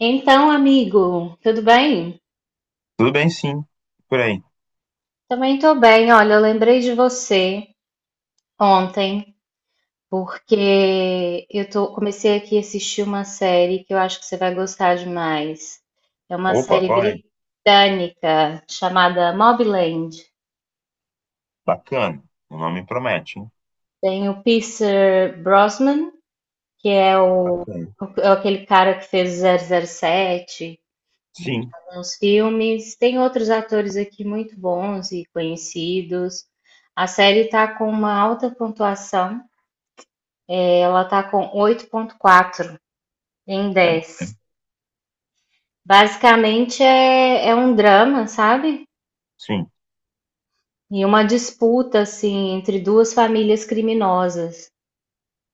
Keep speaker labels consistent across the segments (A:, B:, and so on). A: Então, amigo, tudo bem?
B: Tudo bem, sim. Por aí.
A: Também tô bem. Olha, eu lembrei de você ontem, porque comecei aqui a assistir uma série que eu acho que você vai gostar demais. É uma
B: Opa,
A: série
B: qual é?
A: britânica chamada Mobland.
B: Bacana. O nome promete, hein?
A: Tem o Pierce Brosnan, que é
B: Bacana.
A: é aquele cara que fez o 007
B: Sim,
A: nos filmes. Tem outros atores aqui muito bons e conhecidos. A série está com uma alta pontuação. Ela está com 8,4 em
B: é
A: 10.
B: bacana.
A: Basicamente é um drama, sabe?
B: Sim,
A: E uma disputa assim entre duas famílias criminosas.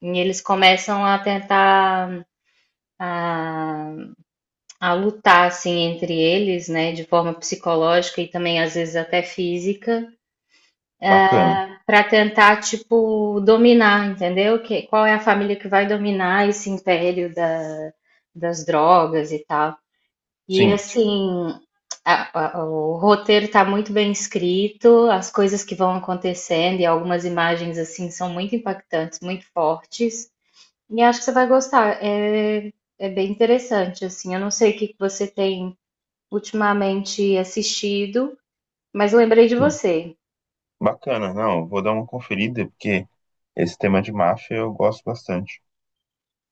A: E eles começam a tentar a lutar assim entre eles, né, de forma psicológica e também às vezes até física,
B: bacana.
A: para tentar, tipo, dominar, entendeu? Que, qual é a família que vai dominar esse império das drogas e tal. E
B: Sim,
A: assim, o roteiro está muito bem escrito, as coisas que vão acontecendo e algumas imagens assim são muito impactantes, muito fortes. E acho que você vai gostar. É bem interessante, assim. Eu não sei o que que você tem ultimamente assistido, mas eu lembrei de
B: sim.
A: você.
B: Bacana. Não, vou dar uma conferida, porque esse tema de máfia eu gosto bastante.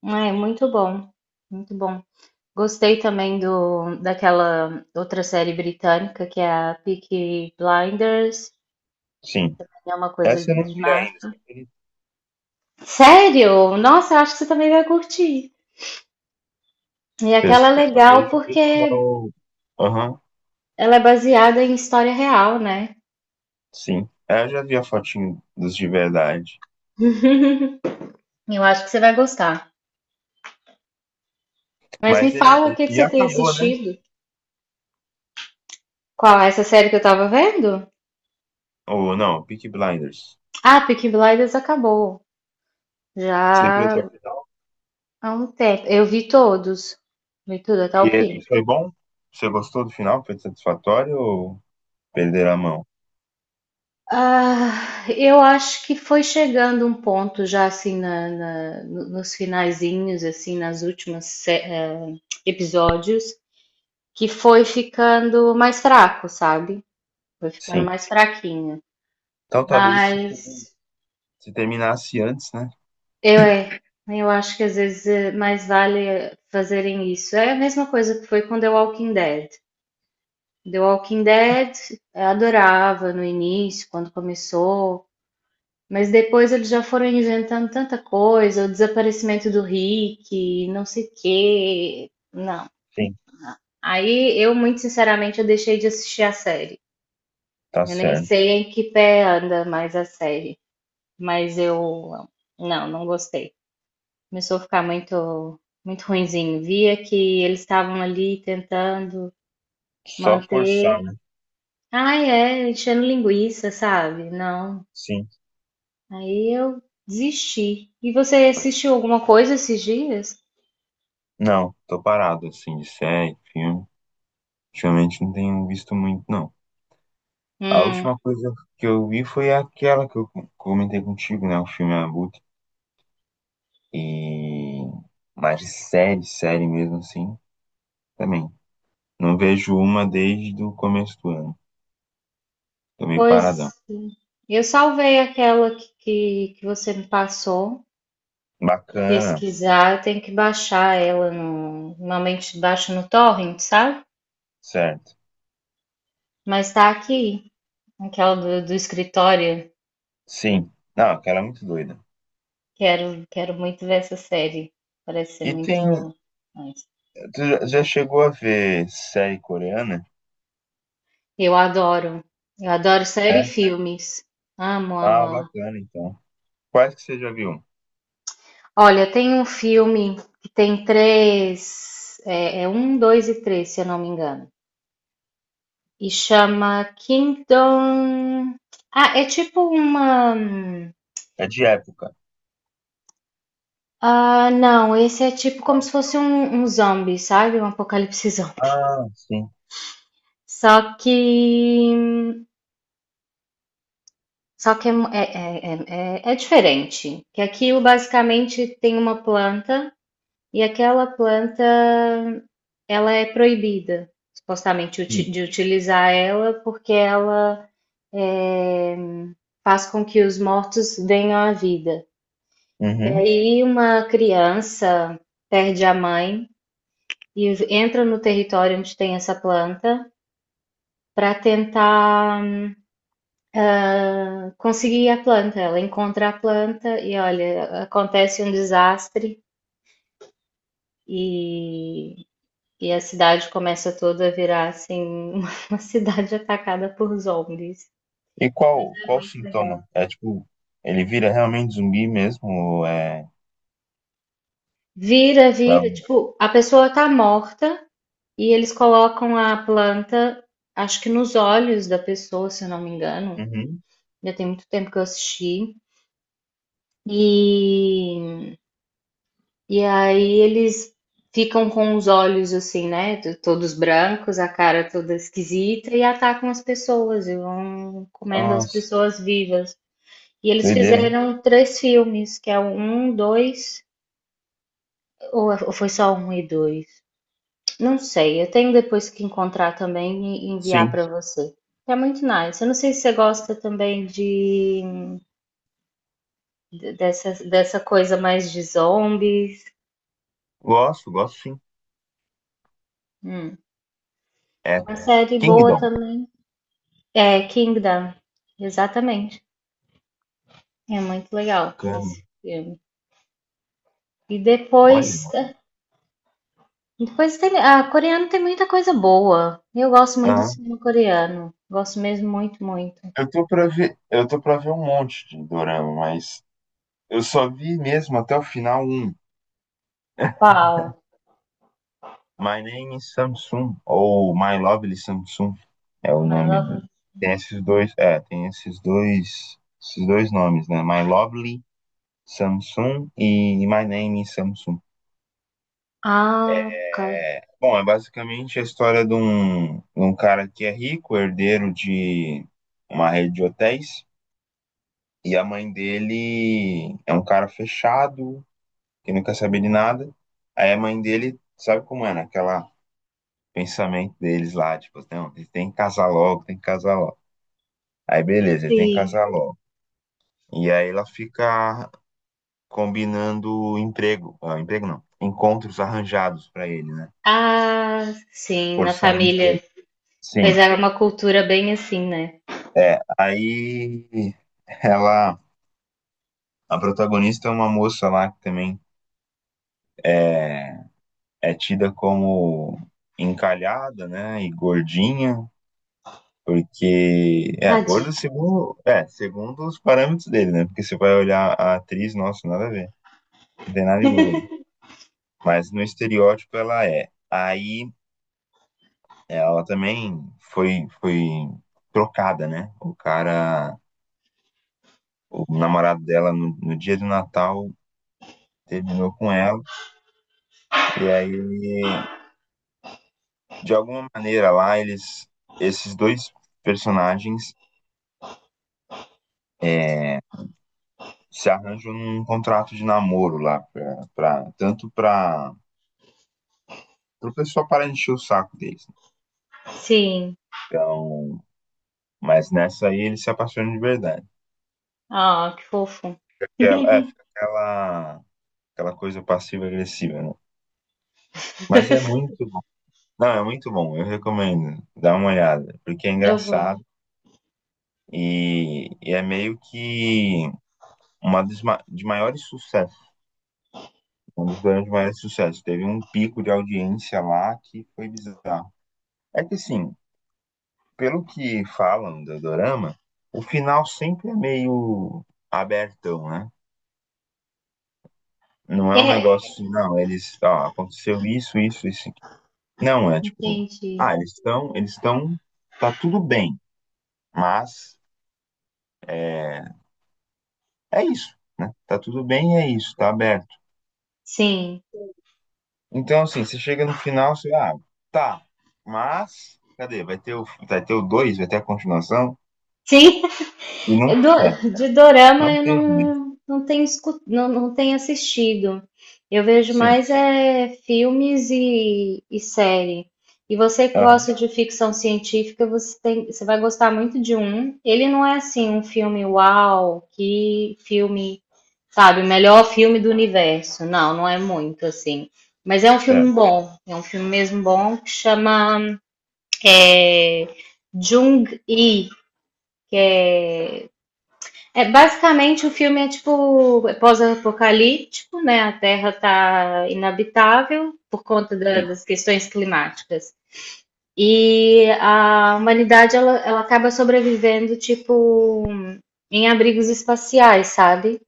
A: É muito bom, muito bom. Gostei também daquela outra série britânica que é a Peaky Blinders,
B: Sim.
A: é uma coisa
B: Essa eu não
A: de
B: vi ainda, você
A: máfia.
B: acredita?
A: Sério? Nossa, eu acho que você também vai curtir. E
B: Eu
A: aquela é
B: só
A: legal
B: vejo o
A: porque
B: pessoal. Aham,
A: ela é baseada em história real, né?
B: sim. É, eu já vi a fotinho dos de verdade.
A: E eu acho que você vai gostar. Mas me
B: Mas ele.
A: fala o que que
B: E
A: você tem
B: acabou, né?
A: assistido. Qual é essa série que eu tava vendo?
B: Ou não, Peaky Blinders.
A: Ah, Peaky Blinders acabou.
B: Você viu
A: Já
B: até o final?
A: há um tempo. Eu vi todos. Vi tudo até
B: E
A: o fim.
B: ele- foi bom? Você gostou do final? Foi satisfatório ou perder a mão?
A: Ah, eu acho que foi chegando um ponto já assim nos finalzinhos, assim, nas últimas episódios, que foi ficando mais fraco, sabe? Foi ficando
B: Sim.
A: mais fraquinho.
B: Então talvez se,
A: Mas
B: se terminasse antes, né?
A: eu é, eu acho que às vezes mais vale fazerem isso. É a mesma coisa que foi com The Walking Dead. The Walking Dead, eu adorava no início, quando começou. Mas depois eles já foram inventando tanta coisa, o desaparecimento do Rick, não sei o quê. Não.
B: Sim,
A: Aí eu, muito sinceramente, eu deixei de assistir a série.
B: tá
A: Eu nem
B: certo.
A: sei em que pé anda mais a série, mas eu não, não gostei. Começou a ficar muito, muito ruinzinho. Via que eles estavam ali tentando
B: Só
A: manter.
B: forçar, né?
A: Ai, é, enchendo linguiça, sabe? Não.
B: Sim.
A: Aí eu desisti. E você assistiu alguma coisa esses dias?
B: Não, tô parado assim de série, filme. Ultimamente não tenho visto muito, não. A
A: Hum,
B: última coisa que eu vi foi aquela que eu comentei contigo, né? O filme Abutre. E mas de série, série mesmo assim, também. Não vejo uma desde o começo do ano. Tô meio
A: pois
B: paradão.
A: eu salvei aquela que você me passou para
B: Bacana,
A: pesquisar. Eu tenho que baixar ela no, normalmente baixo no torrent, sabe?
B: certo.
A: Mas tá aqui, aquela do escritório.
B: Sim. Não, cara, é muito doida.
A: Quero, quero muito ver essa série. Parece ser
B: E tem.
A: muito nice.
B: Tu já chegou a ver série coreana?
A: Eu adoro. Eu adoro série e
B: É?
A: filmes. Amo, amo,
B: Ah,
A: amo.
B: bacana, então. Quais que você já viu?
A: Olha, tem um filme que tem três. É, é um, dois e três, se eu não me engano. E chama Kingdom. Ah, é tipo uma.
B: É de época.
A: Ah, não, esse é tipo como
B: Não?
A: se fosse um zombie, sabe? Um apocalipse zombie.
B: Ah, sim,
A: Só que. Só que é diferente. Que aquilo basicamente tem uma planta e aquela planta ela é proibida, supostamente,
B: sim.
A: de utilizar ela porque ela é, faz com que os mortos venham à vida.
B: Uhum.
A: E uma criança perde a mãe e entra no território onde tem essa planta para tentar conseguir a planta. Ela encontra a planta e olha, acontece um desastre e, e a cidade começa toda a virar assim uma cidade atacada por zombies.
B: E qual, qual o
A: Muito
B: sintoma?
A: legal.
B: É tipo, ele vira realmente zumbi mesmo? Ou é
A: Vira, vira,
B: bravo?
A: tipo, a pessoa tá morta e eles colocam a planta, acho que nos olhos da pessoa, se eu não me engano.
B: Uhum.
A: Já tem muito tempo que eu assisti. E, e aí eles ficam com os olhos assim, né? Todos brancos, a cara toda esquisita e atacam as pessoas e vão comendo as
B: Nossa,
A: pessoas vivas. E eles
B: doideira, hein?
A: fizeram três filmes, que é o um, dois, ou foi só um e dois? Não sei, eu tenho depois que encontrar também e enviar
B: Sim.
A: para você. É muito nice. Eu não sei se você gosta também dessa coisa mais de zombies.
B: Gosto, gosto sim.
A: Hum.
B: É
A: Uma série boa
B: Kingdom.
A: também é Kingdom, exatamente. É muito legal
B: Bacana.
A: esse filme. E depois,
B: Olha.
A: depois tem, a coreano tem muita coisa boa. Eu gosto muito do
B: Ah,
A: cinema coreano. Gosto mesmo muito, muito.
B: eu tô pra ver, eu tô pra ver um monte de dorama, mas. Eu só vi mesmo até o final um.
A: Qual?
B: My Name is Samsung, ou My Lovely Samsung, é o
A: My
B: nome do...
A: Love.
B: Tem esses dois, é, tem esses dois nomes, né? My Lovely Samsung e My Name is Samsung.
A: Ah, cara.
B: É, bom, é basicamente a história de um cara que é rico, herdeiro de uma rede de hotéis, e a mãe dele é um cara fechado, que não quer saber de nada. Aí a mãe dele, sabe como é, né? Aquela pensamento deles lá, tipo, não, ele tem que casar logo, tem que casar logo. Aí beleza, ele tem que
A: Sim.
B: casar logo. E aí ela fica combinando emprego, ah, emprego não, encontros arranjados pra ele, né?
A: Ah, sim, na
B: Forçando emprego.
A: família. Pois
B: Sim.
A: era uma cultura bem assim, né?
B: É, aí ela, a protagonista é uma moça lá que também é, é tida como encalhada, né, e gordinha, porque é gorda
A: Tadinho.
B: segundo, é, segundo os parâmetros dele, né? Porque você vai olhar a atriz, nossa, nada a ver. Não tem nada de gorda ali. Mas no estereótipo ela é. Aí ela também foi trocada, né? O cara, o namorado dela no, no dia do Natal terminou com ela e aí de alguma maneira lá eles, esses dois personagens, é, se arranjam num contrato de namoro lá pra, pra, tanto para pro pessoal parar de encher o saco deles.
A: Sim.
B: Então, mas nessa aí ele se apaixona de verdade.
A: Ah, que fofo.
B: Porque ela- é, fica aquela, aquela coisa passiva-agressiva, né? Mas é muito bom. Não, é muito bom, eu recomendo. Dá uma olhada, porque é
A: Eu vou.
B: engraçado e é meio que uma dos de maiores sucessos, um dos grandes maiores sucessos. Teve um pico de audiência lá que foi bizarro. É que assim, pelo que falam do Dorama, o final sempre é meio abertão, né? Não é um negócio
A: É,
B: assim, não, eles, ó, aconteceu isso, isso, isso aqui. Não, é tipo,
A: entendi.
B: ah, eles estão, tá tudo bem, mas é, é isso, né? Tá tudo bem, é isso, tá aberto.
A: Sim.
B: Então, assim, você chega no final, você, ah, tá, mas, cadê? Vai ter o dois, vai ter a continuação,
A: Sim,
B: e não, é,
A: De dorama
B: não
A: eu
B: teve, né?
A: não, não não tenho assistido. Eu vejo
B: Sim,
A: mais é filmes e série. E você que
B: aham,
A: gosta de ficção científica, você vai gostar muito de um. Ele não é assim um filme uau, que filme, sabe, o melhor filme do universo. Não, não é muito assim. Mas é um filme
B: certo,
A: bom, é um filme mesmo bom que chama é, Jung-Hee, que é é, basicamente, o filme é tipo é pós-apocalíptico, né? A Terra tá inabitável por conta
B: sim,
A: das questões climáticas. E a humanidade, ela acaba sobrevivendo, tipo, em abrigos espaciais, sabe?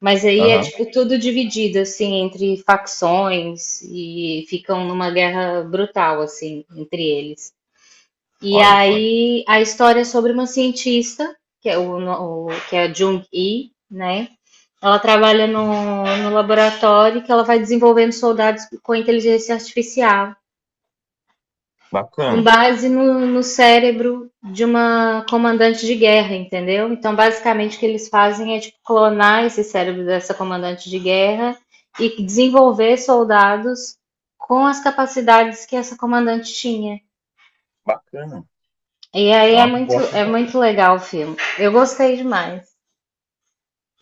A: Mas aí é,
B: aham,
A: tipo, tudo dividido, assim, entre facções e ficam numa guerra brutal, assim, entre eles. E
B: olha só.
A: aí a história é sobre uma cientista, que é, o, no- o- que é a Jung-hee, né? Ela trabalha no laboratório que ela vai desenvolvendo soldados com inteligência artificial, com
B: Bacana,
A: base no cérebro de uma comandante de guerra, entendeu? Então, basicamente, o que eles fazem é tipo, clonar esse cérebro dessa comandante de guerra e desenvolver soldados com as capacidades que essa comandante tinha.
B: bacana.
A: E aí
B: É uma proposta,
A: é muito legal o filme. Eu gostei demais.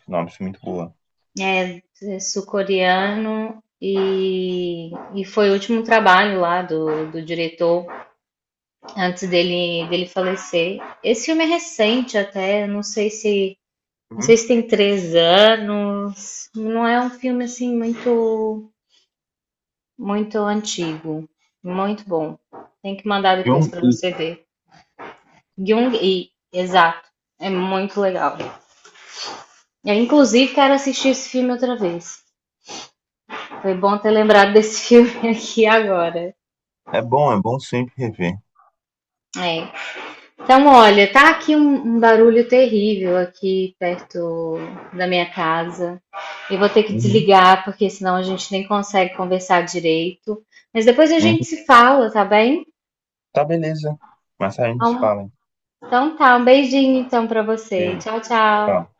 B: nossa, muito boa.
A: É, é sul-coreano e foi o último trabalho lá do diretor antes dele falecer. Esse filme é recente até, não sei
B: Uhum.
A: se tem 3 anos, não é um filme assim muito muito antigo, muito bom. Tem que mandar
B: E
A: depois
B: um-
A: para você ver. Jung e exato, é muito legal. Eu, inclusive quero assistir esse filme outra vez. Foi bom ter lembrado desse filme aqui agora.
B: É bom sempre rever.
A: É. Então, olha, tá aqui um barulho terrível aqui perto da minha casa. Eu vou ter que
B: Uhum,
A: desligar, porque senão a gente nem consegue conversar direito. Mas depois a gente
B: uhum.
A: se fala, tá bem?
B: Tá, beleza. Mas a gente
A: Então,
B: fala, hein?
A: então tá, um beijinho então pra você.
B: Beijo,
A: Tchau, tchau.
B: tchau.